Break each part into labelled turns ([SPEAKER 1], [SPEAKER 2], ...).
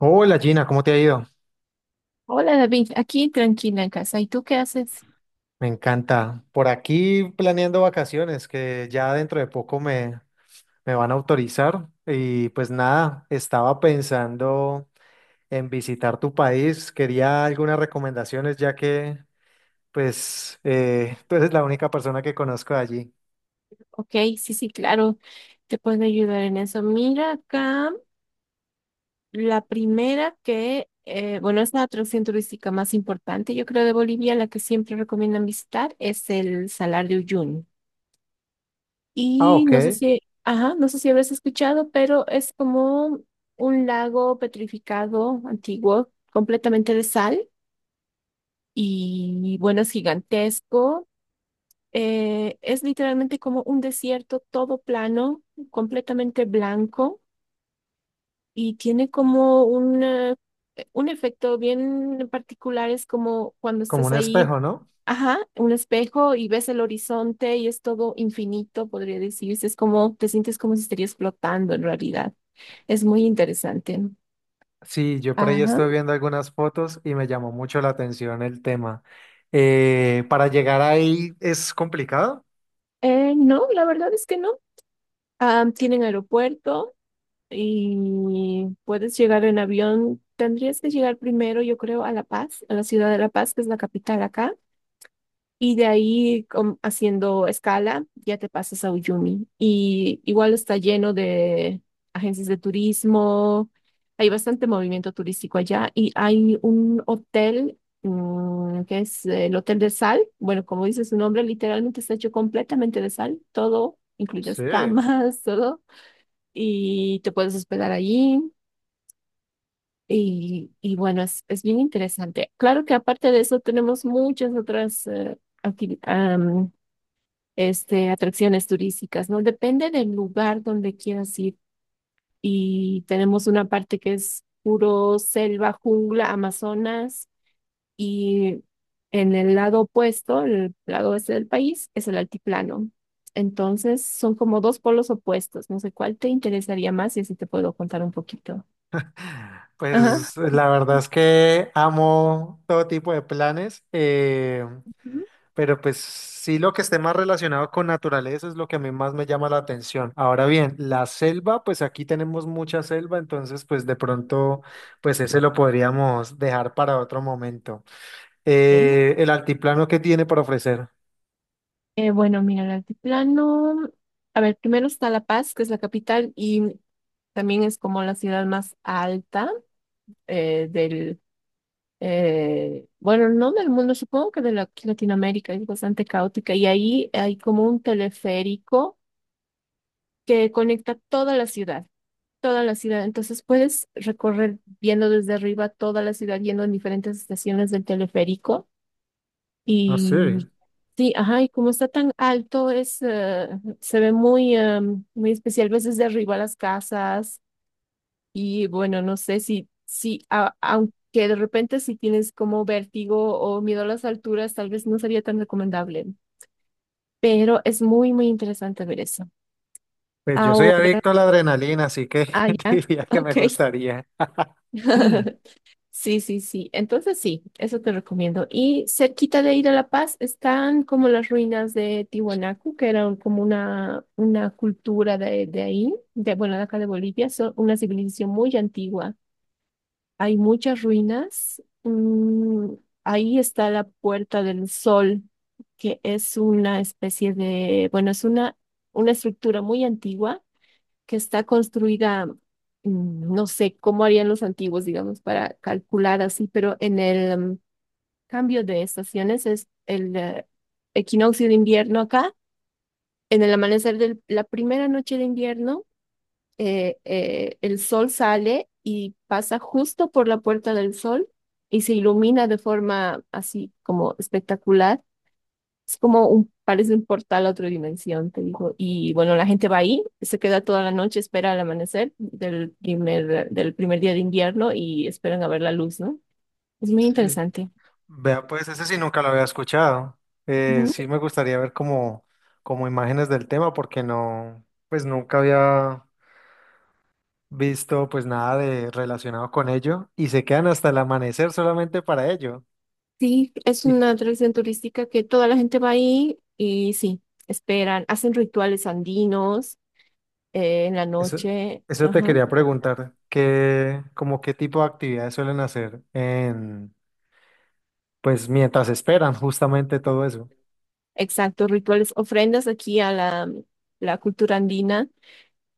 [SPEAKER 1] Hola Gina, ¿cómo te ha ido?
[SPEAKER 2] Hola David, aquí tranquila en casa. ¿Y tú qué haces?
[SPEAKER 1] Me encanta. Por aquí planeando vacaciones que ya dentro de poco me van a autorizar. Y pues nada, estaba pensando en visitar tu país. Quería algunas recomendaciones ya que pues tú eres la única persona que conozco de allí.
[SPEAKER 2] Ok, sí, sí, claro, te puedo ayudar en eso. Mira acá, la primera que, es la atracción turística más importante, yo creo, de Bolivia, la que siempre recomiendan visitar, es el Salar de Uyuni.
[SPEAKER 1] Ah,
[SPEAKER 2] Y no sé
[SPEAKER 1] ok.
[SPEAKER 2] si, ajá, no sé si habrás escuchado, pero es como un lago petrificado, antiguo, completamente de sal. Y bueno, es gigantesco. Es literalmente como un desierto todo plano, completamente blanco y tiene como un, un efecto bien particular. Es como cuando
[SPEAKER 1] Como
[SPEAKER 2] estás
[SPEAKER 1] un
[SPEAKER 2] ahí,
[SPEAKER 1] espejo, ¿no?
[SPEAKER 2] ajá, un espejo y ves el horizonte y es todo infinito, podría decirse. Es como, te sientes como si estuvieras flotando en realidad. Es muy interesante.
[SPEAKER 1] Sí, yo por ahí
[SPEAKER 2] Ajá.
[SPEAKER 1] estoy viendo algunas fotos y me llamó mucho la atención el tema. ¿Para llegar ahí es complicado?
[SPEAKER 2] No, la verdad es que no. Ah, tienen aeropuerto y puedes llegar en avión. Tendrías que llegar primero, yo creo, a La Paz, a la ciudad de La Paz, que es la capital acá. Y de ahí, haciendo escala, ya te pasas a Uyuni. Y igual está lleno de agencias de turismo. Hay bastante movimiento turístico allá. Y hay un hotel, que es el Hotel de Sal. Bueno, como dice su nombre, literalmente está hecho completamente de sal. Todo, incluidas
[SPEAKER 1] Sí.
[SPEAKER 2] camas, todo y te puedes hospedar allí. Y bueno, es bien interesante. Claro que aparte de eso tenemos muchas otras acti- am, atracciones turísticas, ¿no? Depende del lugar donde quieras ir. Y tenemos una parte que es puro selva, jungla, Amazonas y en el lado opuesto, el lado oeste del país, es el altiplano. Entonces son como dos polos opuestos. No sé cuál te interesaría más y así te puedo contar un poquito. Ajá.
[SPEAKER 1] Pues la verdad es que amo todo tipo de planes,
[SPEAKER 2] Ujú.
[SPEAKER 1] pero pues sí, lo que esté más relacionado con naturaleza es lo que a mí más me llama la atención. Ahora bien, la selva, pues aquí tenemos mucha selva, entonces pues de pronto pues ese lo podríamos dejar para otro momento.
[SPEAKER 2] Ok.
[SPEAKER 1] El altiplano, que tiene para ofrecer?
[SPEAKER 2] Bueno, mira, el altiplano, a ver, primero está La Paz, que es la capital y también es como la ciudad más alta eh, del, bueno, no del mundo, supongo que aquí Latinoamérica, es bastante caótica y ahí hay como un teleférico que conecta toda la ciudad, entonces puedes recorrer viendo desde arriba toda la ciudad, yendo en diferentes estaciones del teleférico.
[SPEAKER 1] Ah sí.
[SPEAKER 2] Y sí, ajá, y como está tan alto, se ve muy, muy especial, ves desde arriba las casas y bueno, no sé si, aunque de repente si tienes como vértigo o miedo a las alturas, tal vez no sería tan recomendable, pero es muy, muy interesante ver eso.
[SPEAKER 1] Pues yo soy
[SPEAKER 2] Ahora,
[SPEAKER 1] adicto a la adrenalina, así que
[SPEAKER 2] ah, ya,
[SPEAKER 1] diría que me
[SPEAKER 2] ok.
[SPEAKER 1] gustaría.
[SPEAKER 2] Sí, sí, sí. Entonces sí, eso te recomiendo. Y cerquita de ir a La Paz están como las ruinas de Tiwanaku, que eran como una cultura de ahí, de acá de Bolivia, son una civilización muy antigua. Hay muchas ruinas. Ahí está la Puerta del Sol, que es una especie de, bueno, es una estructura muy antigua que está construida, no sé cómo harían los antiguos, digamos, para calcular así, pero en el cambio de estaciones es el equinoccio de invierno acá, en el amanecer de la primera noche de invierno, el sol sale y pasa justo por la puerta del sol y se ilumina de forma así como espectacular. Es como un, parece un portal a otra dimensión, te digo. Y bueno, la gente va ahí, se queda toda la noche, espera el amanecer del primer día de invierno y esperan a ver la luz, ¿no? Es muy
[SPEAKER 1] Sí.
[SPEAKER 2] interesante.
[SPEAKER 1] Vea, pues ese sí nunca lo había escuchado.
[SPEAKER 2] Ujú.
[SPEAKER 1] Sí me gustaría ver como, como imágenes del tema porque no, pues nunca había visto pues nada de relacionado con ello. ¿Y se quedan hasta el amanecer solamente para ello?
[SPEAKER 2] Sí, es
[SPEAKER 1] Y
[SPEAKER 2] una atracción turística que toda la gente va ahí y sí, esperan, hacen rituales andinos en la
[SPEAKER 1] eso,
[SPEAKER 2] noche.
[SPEAKER 1] eso te
[SPEAKER 2] Ajá.
[SPEAKER 1] quería preguntar, ¿qué, como qué tipo de actividades suelen hacer en, pues mientras esperan justamente todo eso?
[SPEAKER 2] Exacto, rituales, ofrendas aquí a la, la cultura andina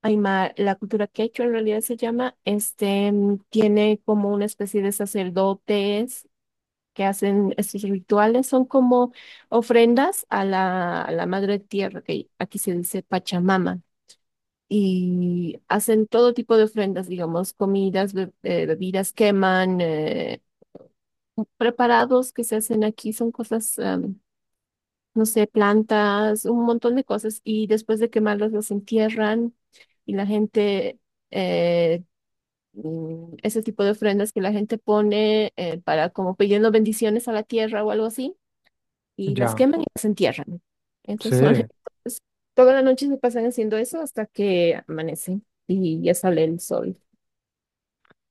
[SPEAKER 2] Aymar, la cultura quechua en realidad se llama, tiene como una especie de sacerdotes que hacen estos rituales, son como ofrendas a la madre tierra, que aquí se dice Pachamama, y hacen todo tipo de ofrendas, digamos, comidas, bebidas, queman, preparados que se hacen aquí, son cosas, no sé, plantas, un montón de cosas, y después de quemarlas las entierran y la gente eh, ese tipo de ofrendas que la gente pone para como pidiendo bendiciones a la tierra o algo así, y las
[SPEAKER 1] Ya,
[SPEAKER 2] queman y las entierran.
[SPEAKER 1] sí.
[SPEAKER 2] Esos son. Entonces, toda la noche se pasan haciendo eso hasta que amanece y ya sale el sol.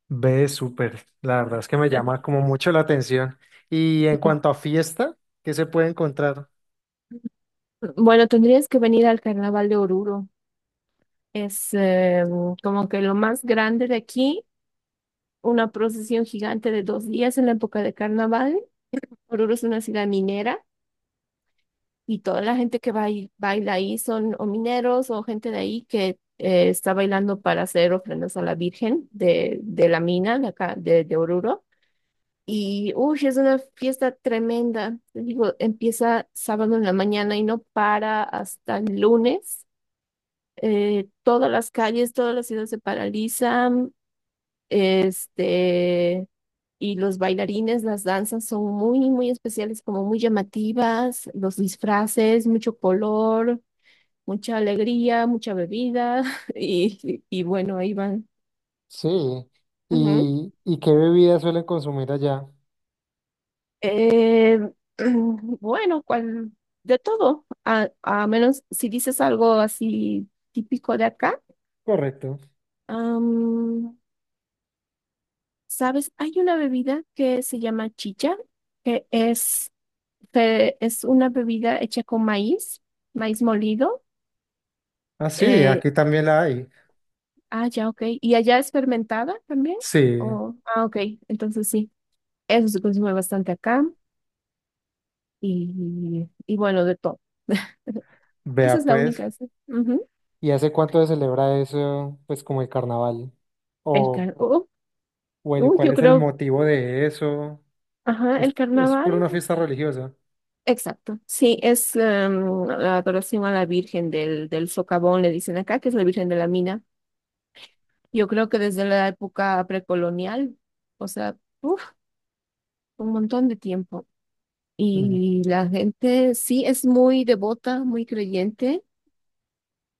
[SPEAKER 1] Ve, súper. La verdad es que me llama como mucho la atención. Y en
[SPEAKER 2] Sí.
[SPEAKER 1] cuanto a fiesta, ¿qué se puede encontrar?
[SPEAKER 2] Bueno, tendrías que venir al Carnaval de Oruro. Es como que lo más grande de aquí, una procesión gigante de dos días en la época de carnaval. Oruro es una ciudad minera y toda la gente que baila ahí son o mineros o gente de ahí que está bailando para hacer ofrendas a la Virgen de la mina de acá, de Oruro. Y, uy, es una fiesta tremenda. Te digo, empieza sábado en la mañana y no para hasta el lunes. Todas las calles, toda la ciudad se paralizan. Este, y los bailarines, las danzas son muy, muy especiales, como muy llamativas, los disfraces, mucho color, mucha alegría, mucha bebida y bueno, ahí van.
[SPEAKER 1] Sí.
[SPEAKER 2] Ujú.
[SPEAKER 1] Y qué bebidas suelen consumir allá?
[SPEAKER 2] Eh, bueno, cual, de todo, a menos si dices algo así típico de acá.
[SPEAKER 1] Correcto.
[SPEAKER 2] am, ¿Sabes? Hay una bebida que se llama chicha, que es, que es una bebida hecha con maíz, maíz molido.
[SPEAKER 1] Ah, sí,
[SPEAKER 2] eh,
[SPEAKER 1] aquí también la hay.
[SPEAKER 2] ah, ya, ok. ¿Y allá es fermentada también?
[SPEAKER 1] Sí,
[SPEAKER 2] O ah, ok, entonces sí. Eso se consume bastante acá. Y, y bueno, de todo. Esa es
[SPEAKER 1] vea
[SPEAKER 2] la
[SPEAKER 1] pues.
[SPEAKER 2] única. Esa. Ujú.
[SPEAKER 1] ¿Y hace cuánto se celebra eso, pues como el carnaval?
[SPEAKER 2] El
[SPEAKER 1] O,
[SPEAKER 2] car oh,
[SPEAKER 1] o el,
[SPEAKER 2] Uy,
[SPEAKER 1] ¿cuál
[SPEAKER 2] yo
[SPEAKER 1] es el
[SPEAKER 2] creo,
[SPEAKER 1] motivo de eso?
[SPEAKER 2] ajá, el
[SPEAKER 1] Es
[SPEAKER 2] carnaval.
[SPEAKER 1] por una fiesta religiosa?
[SPEAKER 2] Exacto. Sí, es la adoración a la Virgen del, del Socavón, le dicen acá, que es la Virgen de la Mina. Yo creo que desde la época precolonial, o sea, uf, un montón de tiempo.
[SPEAKER 1] Mm.
[SPEAKER 2] Y la gente sí es muy devota, muy creyente,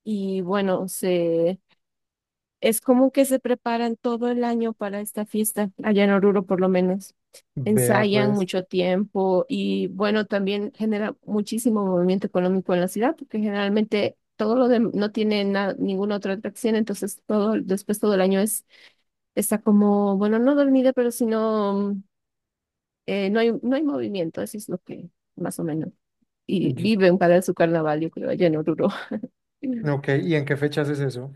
[SPEAKER 2] y bueno, se Es como que se preparan todo el año para esta fiesta, allá en Oruro por lo menos.
[SPEAKER 1] Vea
[SPEAKER 2] Ensayan
[SPEAKER 1] pues.
[SPEAKER 2] mucho tiempo y bueno, también genera muchísimo movimiento económico en la ciudad, porque generalmente todo lo de, no tiene ninguna otra atracción, entonces todo, después todo el año es, está como, bueno, no dormida, pero sino no hay movimiento, eso es lo que más o menos. Y
[SPEAKER 1] Y...
[SPEAKER 2] viven para su carnaval, yo creo, allá en Oruro.
[SPEAKER 1] Ok, ¿y en qué fechas es eso?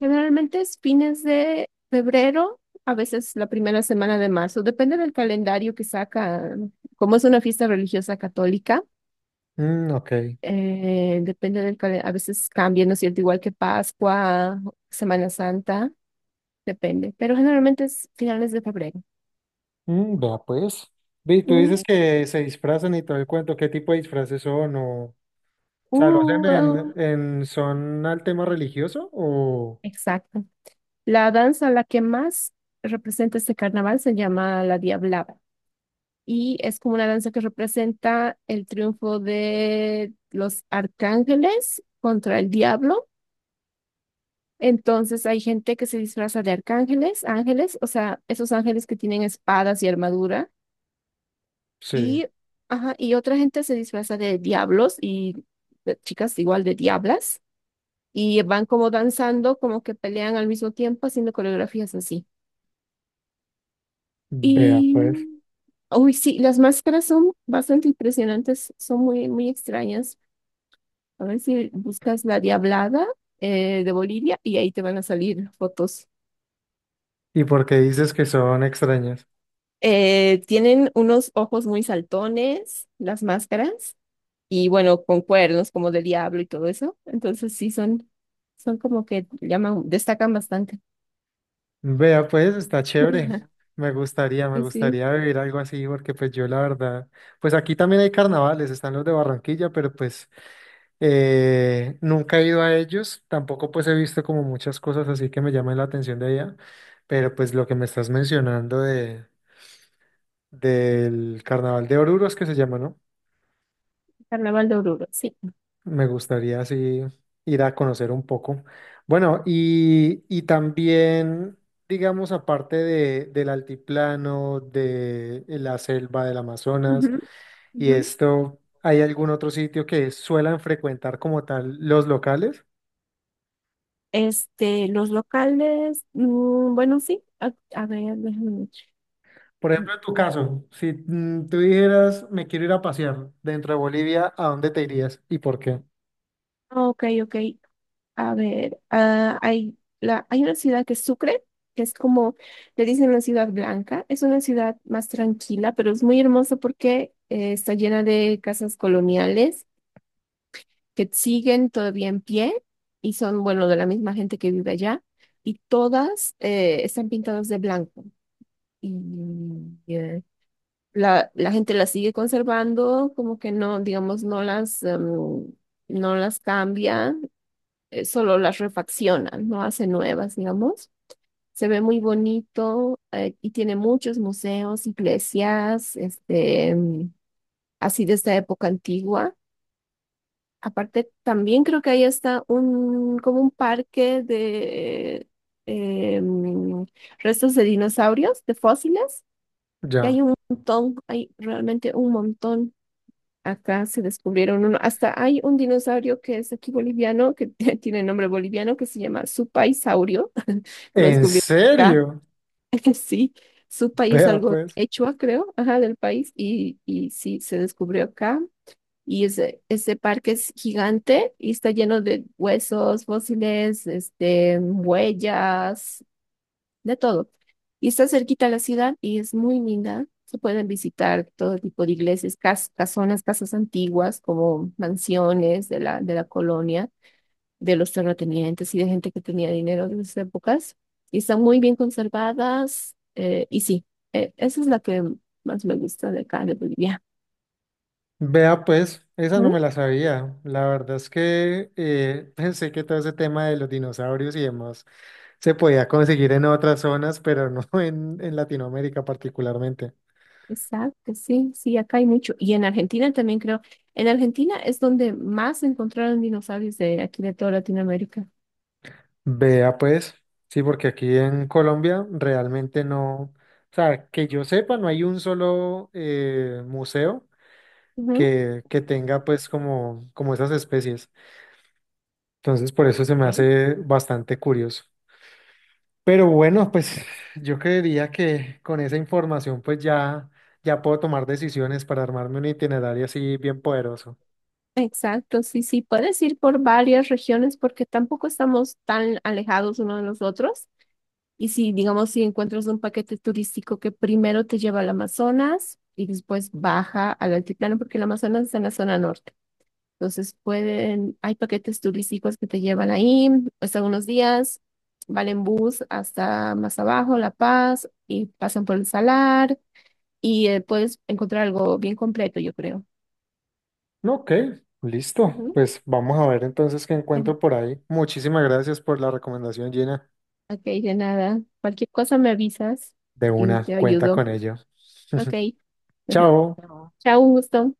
[SPEAKER 2] Generalmente es fines de febrero, a veces la primera semana de marzo, depende del calendario que saca. Como es una fiesta religiosa católica,
[SPEAKER 1] Mm, ok.
[SPEAKER 2] depende del calendario, a veces cambia, ¿no es cierto? Igual que Pascua, Semana Santa, depende, pero generalmente es finales de febrero.
[SPEAKER 1] Mm, vea pues. Ve, tú dices
[SPEAKER 2] Mm,
[SPEAKER 1] que se disfrazan y todo el cuento, ¿qué tipo de disfraces son? O sea, ¿lo hacen
[SPEAKER 2] ah,
[SPEAKER 1] en son al tema religioso? O
[SPEAKER 2] exacto. La danza, la que más representa este carnaval, se llama la Diablada. Y es como una danza que representa el triunfo de los arcángeles contra el diablo. Entonces hay gente que se disfraza de arcángeles, ángeles, o sea, esos ángeles que tienen espadas y armadura,
[SPEAKER 1] sí,
[SPEAKER 2] y, ajá, y otra gente se disfraza de diablos y de chicas igual de diablas, y van como danzando, como que pelean al mismo tiempo, haciendo coreografías así.
[SPEAKER 1] vea pues.
[SPEAKER 2] Y, uy, sí, las máscaras son bastante impresionantes, son muy, muy extrañas. A ver si buscas la Diablada de Bolivia y ahí te van a salir fotos.
[SPEAKER 1] ¿Y por qué dices que son extrañas?
[SPEAKER 2] Tienen unos ojos muy saltones, las máscaras, y bueno, con cuernos como de diablo y todo eso. Entonces sí, son como que llaman, destacan bastante.
[SPEAKER 1] Vea pues, está chévere. Me
[SPEAKER 2] Sí, sí,
[SPEAKER 1] gustaría vivir algo así, porque pues yo la verdad, pues aquí también hay carnavales, están los de Barranquilla, pero pues... nunca he ido a ellos, tampoco pues he visto como muchas cosas así que me llaman la atención de allá, pero pues lo que me estás mencionando de, del Carnaval de Oruros que se llama, ¿no?
[SPEAKER 2] Carnaval de Oruro, sí.
[SPEAKER 1] Me gustaría así ir a conocer un poco. Bueno, y también, digamos, aparte de, del altiplano, de la selva del
[SPEAKER 2] Ujú,
[SPEAKER 1] Amazonas y
[SPEAKER 2] ujú.
[SPEAKER 1] esto, ¿hay algún otro sitio que suelan frecuentar como tal los locales?
[SPEAKER 2] Los locales, bueno, sí, a ver, déjame.
[SPEAKER 1] Por
[SPEAKER 2] Ver.
[SPEAKER 1] ejemplo, en tu caso, si mm, tú dijeras, me quiero ir a pasear dentro de Bolivia, ¿a dónde te irías y por qué?
[SPEAKER 2] Ok, ok. A ver, hay una ciudad que es Sucre, que es como, le dicen una ciudad blanca. Es una ciudad más tranquila, pero es muy hermosa porque está llena de casas coloniales que siguen todavía en pie y son, bueno, de la misma gente que vive allá. Y todas están pintadas de blanco. Y eh, la gente las sigue conservando, como que no, digamos, no las cambia solo las refaccionan, no hacen nuevas, digamos. Se ve muy bonito y tiene muchos museos, iglesias, así de esta época antigua. Aparte, también creo que ahí está un, como un parque de eh, mm, restos de dinosaurios, de fósiles, que hay
[SPEAKER 1] Ya.
[SPEAKER 2] un montón, hay realmente un montón. Acá se descubrieron uno, hasta hay un dinosaurio que es aquí boliviano, que tiene nombre boliviano, que se llama supaisaurio, lo
[SPEAKER 1] ¿En
[SPEAKER 2] descubrieron acá,
[SPEAKER 1] serio?
[SPEAKER 2] sí, Supai es
[SPEAKER 1] Vea
[SPEAKER 2] algo
[SPEAKER 1] pues,
[SPEAKER 2] quechua, creo, ajá, del país, y sí, se descubrió acá, y ese parque es gigante y está lleno de huesos, fósiles, huellas, de todo. Y está cerquita a la ciudad y es muy linda. Se pueden visitar todo tipo de iglesias, casonas, casas antiguas, como mansiones de la colonia, de los terratenientes y de gente que tenía dinero de esas épocas. Y están muy bien conservadas. Esa es la que más me gusta de acá, de Bolivia.
[SPEAKER 1] vea pues, esa no
[SPEAKER 2] ¿Mm?
[SPEAKER 1] me la sabía. La verdad es que pensé que todo ese tema de los dinosaurios y demás se podía conseguir en otras zonas, pero no en Latinoamérica particularmente.
[SPEAKER 2] Exacto, sí, sí, acá hay mucho. Y en Argentina también creo. En Argentina es donde más encontraron dinosaurios de aquí de toda Latinoamérica.
[SPEAKER 1] Vea pues, sí, porque aquí en Colombia realmente no, o sea, que yo sepa, no hay un solo museo
[SPEAKER 2] Ujú.
[SPEAKER 1] que tenga pues como, como esas especies. Entonces por eso se me
[SPEAKER 2] Ok.
[SPEAKER 1] hace bastante curioso. Pero bueno, pues yo creería que con esa información pues ya, ya puedo tomar decisiones para armarme un itinerario así bien poderoso.
[SPEAKER 2] Exacto, sí, sí, puedes ir por varias regiones porque tampoco estamos tan alejados uno de los otros. Y si, digamos, si encuentras un paquete turístico que primero te lleva al Amazonas y después baja al altiplano, porque el Amazonas está en la zona norte. Entonces pueden, hay paquetes turísticos que te llevan ahí, están unos días, van en bus hasta más abajo, La Paz, y pasan por el Salar, y puedes encontrar algo bien completo, yo creo.
[SPEAKER 1] No, ok, listo.
[SPEAKER 2] Ujú.
[SPEAKER 1] Pues vamos a ver entonces qué encuentro por ahí. Muchísimas gracias por la recomendación, Gina.
[SPEAKER 2] Ok, de nada. Cualquier cosa me avisas
[SPEAKER 1] De
[SPEAKER 2] y
[SPEAKER 1] una,
[SPEAKER 2] te
[SPEAKER 1] cuenta
[SPEAKER 2] ayudo.
[SPEAKER 1] con ello.
[SPEAKER 2] Ok.
[SPEAKER 1] Chao.
[SPEAKER 2] No. Chao, un gusto.